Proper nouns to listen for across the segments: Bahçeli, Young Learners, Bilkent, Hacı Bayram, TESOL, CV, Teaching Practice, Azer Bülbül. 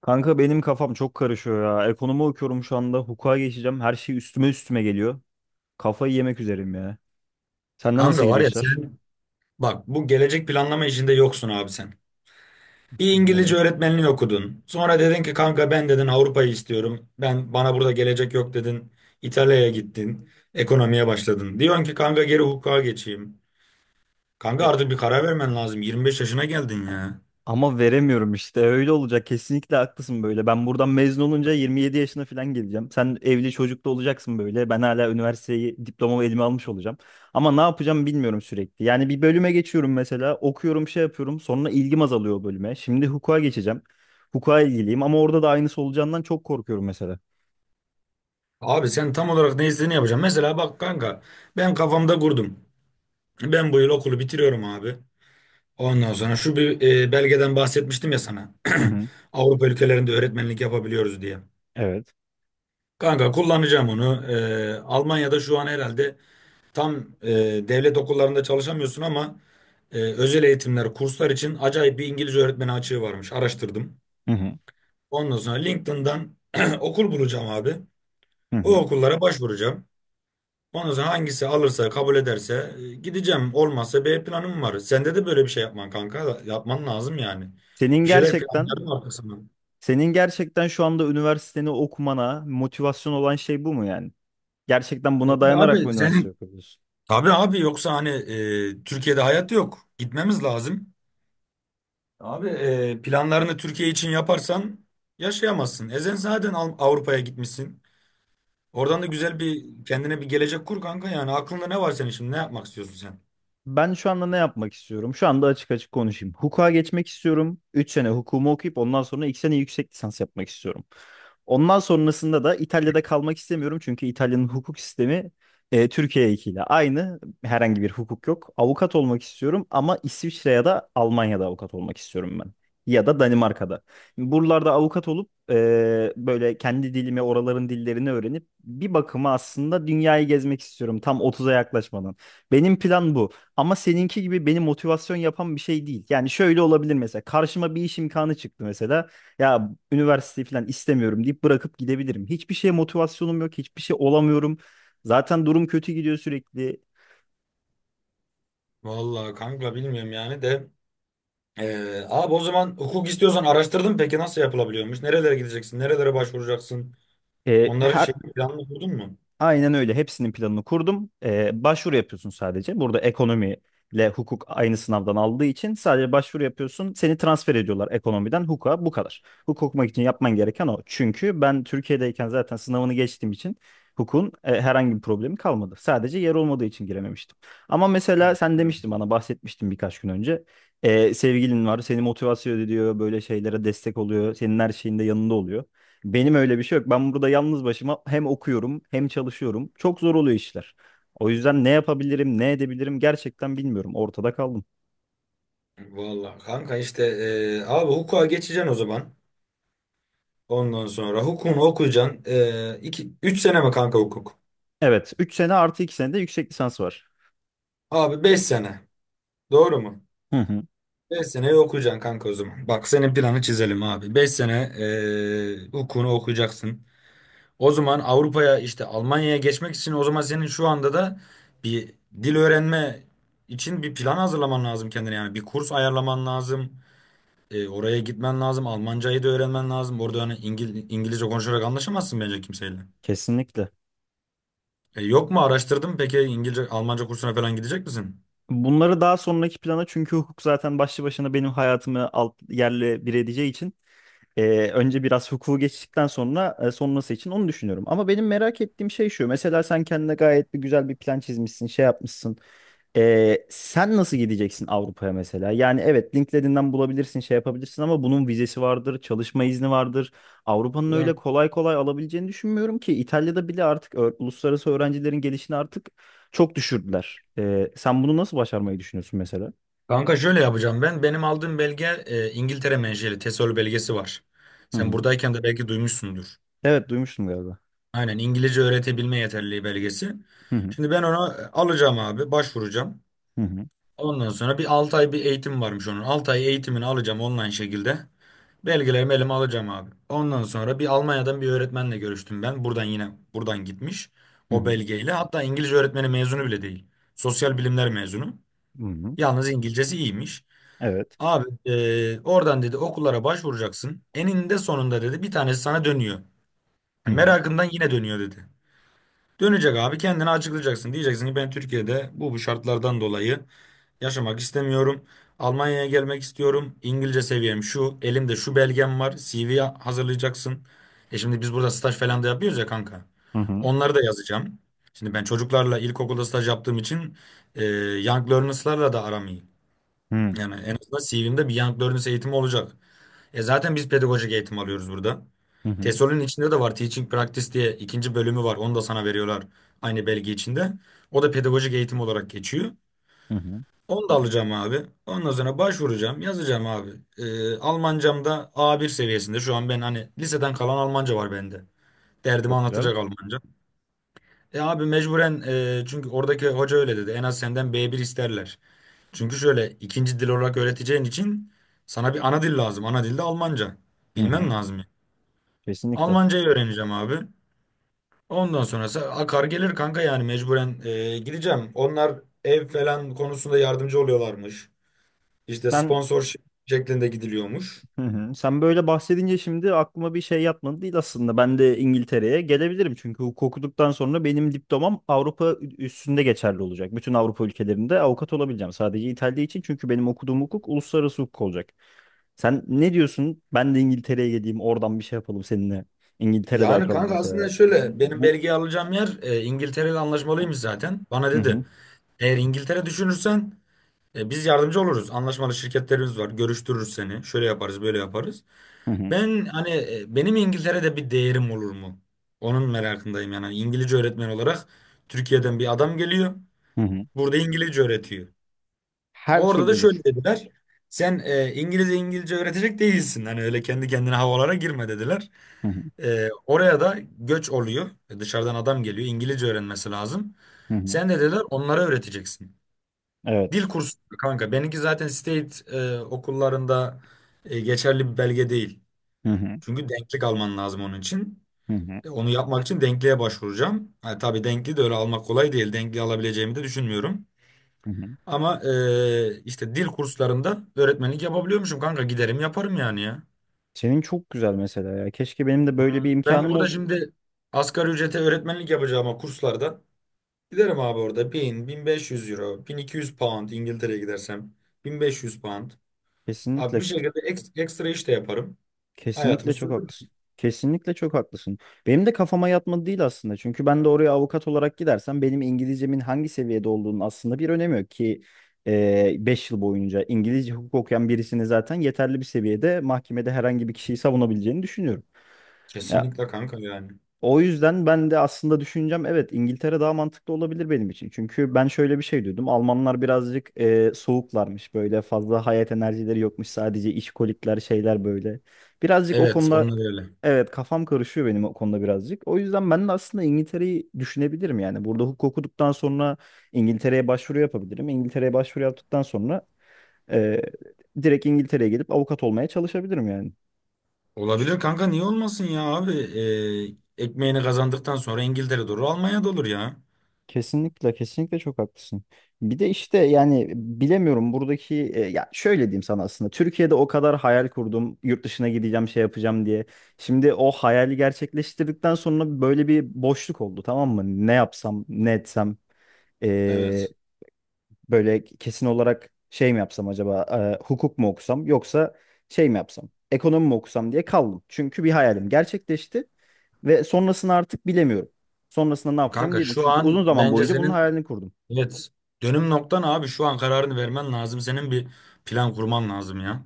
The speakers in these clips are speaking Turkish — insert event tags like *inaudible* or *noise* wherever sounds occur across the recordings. Kanka benim kafam çok karışıyor ya. Ekonomi okuyorum şu anda. Hukuka geçeceğim. Her şey üstüme üstüme geliyor. Kafayı yemek üzereyim ya. Sende nasıl Kanka var gidiyor ya işler? sen bak bu gelecek planlama işinde yoksun abi sen. Bir Neden? İngilizce öğretmenliği okudun. Sonra dedin ki kanka ben dedin Avrupa'yı istiyorum. Ben bana burada gelecek yok dedin. İtalya'ya gittin. Ekonomiye başladın. Diyorsun ki kanka geri hukuka geçeyim. Kanka Ya, artık bir karar vermen lazım. 25 yaşına geldin ya. ama veremiyorum işte. Öyle olacak. Kesinlikle haklısın böyle. Ben buradan mezun olunca 27 yaşına falan geleceğim. Sen evli çocuklu olacaksın böyle. Ben hala üniversiteyi, diplomamı elime almış olacağım. Ama ne yapacağım bilmiyorum sürekli. Yani bir bölüme geçiyorum mesela. Okuyorum, şey yapıyorum. Sonra ilgim azalıyor o bölüme. Şimdi hukuka geçeceğim. Hukuka ilgiliyim ama orada da aynısı olacağından çok korkuyorum mesela. Abi sen tam olarak ne istediğini yapacaksın. Mesela bak kanka ben kafamda kurdum. Ben bu yıl okulu bitiriyorum abi. Ondan sonra şu bir belgeden bahsetmiştim ya sana. Hı *clears throat* hı. Avrupa ülkelerinde öğretmenlik yapabiliyoruz diye. Evet. Kanka kullanacağım onu. Almanya'da şu an herhalde tam e, devlet okullarında çalışamıyorsun ama özel eğitimler, kurslar için acayip bir İngilizce öğretmeni açığı varmış. Araştırdım. Hı hı. Ondan sonra LinkedIn'dan *clears throat* okul bulacağım abi. Hı O hı. okullara başvuracağım. Ondan sonra hangisi alırsa, kabul ederse gideceğim. Olmazsa B planım var. Sende de böyle bir şey yapman kanka. Yapman lazım yani. Senin Bir şeyler gerçekten planlarım arkasına. senin gerçekten şu anda üniversiteni okumana motivasyon olan şey bu mu yani? Gerçekten buna Bir de dayanarak mı abi üniversite senin... okuyorsun? Tabii abi yoksa hani Türkiye'de hayat yok. Gitmemiz lazım. Abi planlarını Türkiye için yaparsan yaşayamazsın. Sen zaten Avrupa'ya gitmişsin. Oradan da Ah, güzel bir kendine bir gelecek kur kanka yani. Aklında ne var senin şimdi? Ne yapmak istiyorsun sen? Ben şu anda ne yapmak istiyorum? Şu anda açık açık konuşayım. Hukuka geçmek istiyorum. 3 sene hukumu okuyup ondan sonra 2 sene yüksek lisans yapmak istiyorum. Ondan sonrasında da İtalya'da kalmak istemiyorum çünkü İtalya'nın hukuk sistemi Türkiye'dekiyle aynı. Herhangi bir hukuk yok. Avukat olmak istiyorum ama İsviçre ya da Almanya'da avukat olmak istiyorum ben. Ya da Danimarka'da. Buralarda avukat olup böyle kendi dilimi, oraların dillerini öğrenip bir bakıma aslında dünyayı gezmek istiyorum tam 30'a yaklaşmadan. Benim plan bu. Ama seninki gibi beni motivasyon yapan bir şey değil. Yani şöyle olabilir mesela. Karşıma bir iş imkanı çıktı mesela ya üniversiteyi falan istemiyorum deyip bırakıp gidebilirim. Hiçbir şeye motivasyonum yok, hiçbir şey olamıyorum. Zaten durum kötü gidiyor sürekli. Vallahi kanka bilmiyorum yani de. E, Abi o zaman hukuk istiyorsan araştırdın mı? Peki nasıl yapılabiliyormuş? Nerelere gideceksin? Nerelere başvuracaksın? E, Onların her şeyini planını kurdun mu? Aynen öyle. Hepsinin planını kurdum. Başvuru yapıyorsun sadece. Burada ekonomiyle hukuk aynı sınavdan aldığı için sadece başvuru yapıyorsun. Seni transfer ediyorlar ekonomiden hukuka bu kadar. Hukuk okumak için yapman gereken o. Çünkü ben Türkiye'deyken zaten sınavını geçtiğim için hukukun herhangi bir problemi kalmadı. Sadece yer olmadığı için girememiştim. Ama Hı, mesela sen hı. demiştin bana bahsetmiştin birkaç gün önce. Sevgilin var, seni motivasyon ediyor, böyle şeylere destek oluyor, senin her şeyinde yanında oluyor. Benim öyle bir şey yok. Ben burada yalnız başıma hem okuyorum hem çalışıyorum. Çok zor oluyor işler. O yüzden ne yapabilirim, ne edebilirim gerçekten bilmiyorum. Ortada kaldım. Vallahi kanka işte abi hukuka geçeceksin o zaman. Ondan sonra hukukunu okuyacaksın. 2, 3 sene mi kanka hukuk? Evet, 3 sene artı 2 sene de yüksek lisans var. Abi 5 sene. Doğru mu? Hı hı, 5 seneyi okuyacaksın kanka o zaman. Bak senin planı çizelim abi. 5 sene hukukunu okuyacaksın. O zaman Avrupa'ya işte Almanya'ya geçmek için o zaman senin şu anda da bir dil öğrenme için bir plan hazırlaman lazım kendine. Yani bir kurs ayarlaman lazım. Oraya gitmen lazım. Almancayı da öğrenmen lazım. Orada hani İngilizce konuşarak anlaşamazsın bence kimseyle. kesinlikle. Yok mu araştırdın? Peki İngilizce, Almanca kursuna falan gidecek misin? Bunları daha sonraki plana çünkü hukuk zaten başlı başına benim hayatımı alt yerle bir edeceği için önce biraz hukuku geçtikten sonra sonrası için onu düşünüyorum. Ama benim merak ettiğim şey şu. Mesela sen kendine gayet bir güzel bir plan çizmişsin, şey yapmışsın. Sen nasıl gideceksin Avrupa'ya mesela? Yani evet LinkedIn'den bulabilirsin, şey yapabilirsin ama bunun vizesi vardır, çalışma izni vardır. Avrupa'nın Ya öyle kolay kolay alabileceğini düşünmüyorum ki İtalya'da bile artık uluslararası öğrencilerin gelişini artık çok düşürdüler. Sen bunu nasıl başarmayı düşünüyorsun mesela? kanka, şöyle yapacağım ben. Benim aldığım belge İngiltere menşeli TESOL belgesi var. Hı Sen hı. buradayken de belki duymuşsundur. Evet duymuştum galiba. Aynen İngilizce öğretebilme yeterliliği belgesi. Hı hı. Şimdi ben onu alacağım abi, başvuracağım. Hı hı. Ondan sonra bir 6 ay bir eğitim varmış onun. 6 ay eğitimini alacağım online şekilde. Belgelerimi elime alacağım abi. Ondan sonra bir Almanya'dan bir öğretmenle görüştüm ben. Buradan yine buradan gitmiş Hı o hı. belgeyle. Hatta İngilizce öğretmeni mezunu bile değil. Sosyal bilimler mezunu. Hı hı. Yalnız İngilizcesi iyiymiş. Evet. Abi oradan dedi okullara başvuracaksın. Eninde sonunda dedi bir tanesi sana dönüyor. Hı Yani hı. merakından yine dönüyor dedi. Dönecek abi kendini açıklayacaksın. Diyeceksin ki ben Türkiye'de bu şartlardan dolayı yaşamak istemiyorum. Almanya'ya gelmek istiyorum. İngilizce seviyem şu. Elimde şu belgem var. CV hazırlayacaksın. E şimdi biz burada staj falan da yapıyoruz ya kanka. Hı hı. Onları da yazacağım. Şimdi ben çocuklarla ilkokulda staj yaptığım için eee Young Learners'larla da aram iyi. Hı hı. Yani en azından CV'mde bir Young Learners eğitimi olacak. E zaten biz pedagojik eğitim alıyoruz burada. Hı hı. TESOL'ün içinde de var Teaching Practice diye ikinci bölümü var. Onu da sana veriyorlar aynı belge içinde. O da pedagojik eğitim olarak geçiyor. Hı hı. Onu da alacağım abi. Ondan sonra başvuracağım, yazacağım abi. Almancam da A1 seviyesinde. Şu an ben hani liseden kalan Almanca var bende. Derdimi Çok güzel. anlatacak Almanca. E abi mecburen çünkü oradaki hoca öyle dedi. En az senden B1 isterler. Çünkü şöyle ikinci dil olarak öğreteceğin için sana bir ana dil lazım. Ana dil de Almanca. Hı Bilmen hı. lazım yani. Kesinlikle. Almancayı öğreneceğim abi. Ondan sonrası akar gelir kanka yani mecburen gideceğim. Onlar ev falan konusunda yardımcı oluyorlarmış. İşte Sen sponsor şeklinde gidiliyormuş. Hı hı. Sen böyle bahsedince şimdi aklıma bir şey yatmadı değil aslında. Ben de İngiltere'ye gelebilirim çünkü hukuk okuduktan sonra benim diplomam Avrupa üstünde geçerli olacak. Bütün Avrupa ülkelerinde avukat olabileceğim. Sadece İtalya için çünkü benim okuduğum hukuk uluslararası hukuk olacak. Sen ne diyorsun? Ben de İngiltere'ye geleyim, oradan bir şey yapalım seninle. İngiltere'de Yani akalım kanka aslında mesela. şöyle benim Bu belgeyi alacağım yer İngiltere ile anlaşmalıymış zaten. Bana Hı dedi hı, eğer İngiltere düşünürsen biz yardımcı oluruz. Anlaşmalı şirketlerimiz var. Görüştürürüz seni. Şöyle yaparız böyle yaparız. hı hı, Ben hani benim İngiltere'de bir değerim olur mu? Onun merakındayım yani. Hani İngilizce öğretmen olarak Türkiye'den bir adam geliyor. hı hı. Burada İngilizce öğretiyor. Her Orada türlü da olur. şöyle dediler. Sen İngilizce İngilizce öğretecek değilsin. Hani öyle kendi kendine havalara girme dediler. Hı hı, Oraya da göç oluyor. Dışarıdan adam geliyor. İngilizce öğrenmesi lazım. hı hı. Sen de dediler onlara öğreteceksin. Dil Evet. kursu kanka. Benimki zaten state okullarında geçerli bir belge değil. Hı hı, Çünkü denklik alman lazım onun için. hı hı, Onu yapmak için denkliğe başvuracağım. Ha, tabii denkli de öyle almak kolay değil. Denkli alabileceğimi de düşünmüyorum. hı hı. Ama işte dil kurslarında öğretmenlik yapabiliyormuşum kanka. Giderim yaparım yani ya. Senin çok güzel mesela ya. Keşke benim de böyle bir Ben imkanım burada ol. şimdi asgari ücrete öğretmenlik yapacağıma kurslarda giderim abi orada bin beş yüz euro, 1.200 pound İngiltere'ye gidersem 1.500 pound. Abi bir Kesinlikle, şekilde ekstra iş de yaparım. Hayatımı kesinlikle çok sürdürürüm. haklısın. Kesinlikle çok haklısın. Benim de kafama yatmadı değil aslında. Çünkü ben de oraya avukat olarak gidersem benim İngilizcemin hangi seviyede olduğunun aslında bir önemi yok ki 5 yıl boyunca İngilizce hukuk okuyan birisini zaten yeterli bir seviyede mahkemede herhangi bir kişiyi savunabileceğini düşünüyorum. Ya, Kesinlikle kanka yani. o yüzden ben de aslında düşüneceğim evet İngiltere daha mantıklı olabilir benim için. Çünkü ben şöyle bir şey duydum. Almanlar birazcık soğuklarmış böyle fazla hayat enerjileri yokmuş sadece işkolikler şeyler böyle. Birazcık o Evet konuda onlar öyle. evet kafam karışıyor benim o konuda birazcık. O yüzden ben de aslında İngiltere'yi düşünebilirim yani. Burada hukuk okuduktan sonra İngiltere'ye başvuru yapabilirim. İngiltere'ye başvuru yaptıktan sonra e, direkt İngiltere'ye gelip avukat olmaya çalışabilirim yani. Olabilir kanka niye olmasın ya abi. Ekmeğini kazandıktan sonra İngiltere olur, Almanya'da olur ya. Kesinlikle kesinlikle çok haklısın. Bir de işte yani bilemiyorum buradaki ya şöyle diyeyim sana aslında Türkiye'de o kadar hayal kurdum yurt dışına gideceğim şey yapacağım diye. Şimdi o hayali gerçekleştirdikten sonra böyle bir boşluk oldu tamam mı? Ne yapsam ne etsem e, Evet. böyle kesin olarak şey mi yapsam acaba hukuk mu okusam yoksa şey mi yapsam ekonomi mi okusam diye kaldım. Çünkü bir hayalim gerçekleşti ve sonrasını artık bilemiyorum. Sonrasında ne yapacağım Kanka diye mi? şu Çünkü uzun an zaman bence boyunca bunun senin hayalini kurdum. evet dönüm noktan abi şu an kararını vermen lazım. Senin bir plan kurman lazım ya.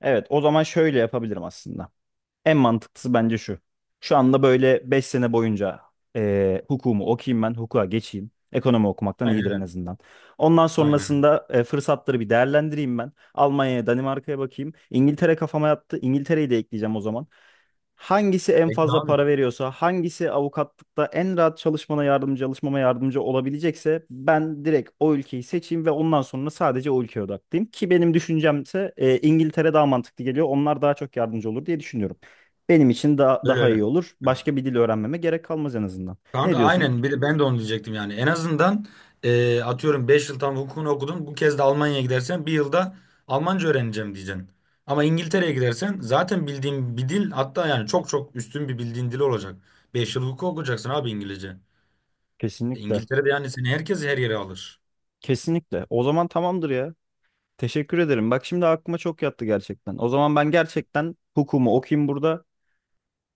Evet, o zaman şöyle yapabilirim aslında. En mantıklısı bence şu. Şu anda böyle 5 sene boyunca hukumu okuyayım ben, hukuka geçeyim. Ekonomi okumaktan iyidir en Aynen. azından. Ondan Aynen. sonrasında fırsatları bir değerlendireyim ben. Almanya'ya, Danimarka'ya bakayım. İngiltere kafama yattı. İngiltere'yi de ekleyeceğim o zaman. Hangisi en Peki fazla abi. para veriyorsa, hangisi avukatlıkta en rahat çalışmana yardımcı, çalışmama yardımcı olabilecekse ben direkt o ülkeyi seçeyim ve ondan sonra sadece o ülkeye odaklıyım. Ki benim düşüncemse İngiltere daha mantıklı geliyor. Onlar daha çok yardımcı olur diye düşünüyorum. Benim için da Öyle daha iyi öyle. olur. Başka bir dil öğrenmeme gerek kalmaz en azından. Ne Kanka diyorsun? aynen bir, ben de onu diyecektim yani. En azından atıyorum 5 yıl tam hukukunu okudun. Bu kez de Almanya'ya gidersen bir yılda Almanca öğreneceğim diyeceksin. Ama İngiltere'ye gidersen zaten bildiğin bir dil hatta yani çok çok üstün bir bildiğin dil olacak. 5 yıl hukuk okuyacaksın abi İngilizce. Kesinlikle. İngiltere'de yani seni herkes her yere alır. Kesinlikle. O zaman tamamdır ya. Teşekkür ederim. Bak şimdi aklıma çok yattı gerçekten. O zaman ben gerçekten hukumu okuyayım burada.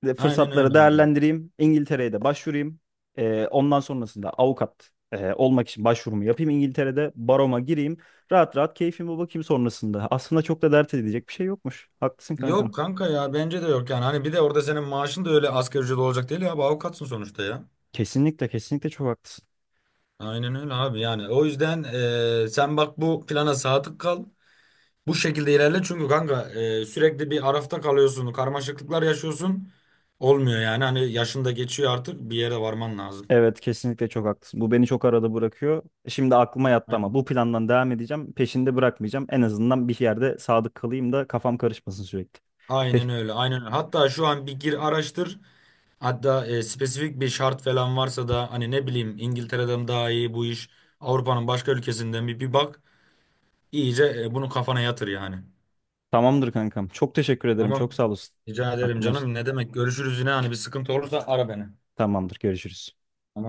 Ve Aynen öyle fırsatları abi. değerlendireyim. İngiltere'ye de başvurayım. Ondan sonrasında avukat olmak için başvurumu yapayım. İngiltere'de baroma gireyim. Rahat rahat keyfime bakayım sonrasında. Aslında çok da dert edecek bir şey yokmuş. Haklısın kankam. Yok kanka ya bence de yok yani. Hani bir de orada senin maaşın da öyle asgari ücret olacak değil ya. Abi avukatsın sonuçta ya. Kesinlikle kesinlikle çok haklısın. Aynen öyle abi yani. O yüzden sen bak bu plana sadık kal. Bu şekilde ilerle çünkü kanka sürekli bir arafta kalıyorsun, karmaşıklıklar yaşıyorsun. Olmuyor yani hani yaşın da geçiyor artık bir yere varman lazım. Evet kesinlikle çok haklısın. Bu beni çok arada bırakıyor. Şimdi aklıma yattı ama Aynen. bu plandan devam edeceğim. Peşinde bırakmayacağım. En azından bir yerde sadık kalayım da kafam karışmasın sürekli. Te- Aynen öyle, aynen öyle. Hatta şu an bir gir araştır. Hatta spesifik bir şart falan varsa da hani ne bileyim İngiltere'den mi daha iyi bu iş, Avrupa'nın başka ülkesinden bir bak. İyice bunu kafana yatır yani. Tamamdır kankam. Çok teşekkür ederim. Tamam. Çok sağ olasın. Rica ederim Aklıma canım. Ne demek? Görüşürüz yine hani bir sıkıntı olursa ara beni. Tamamdır. Görüşürüz. Tamam.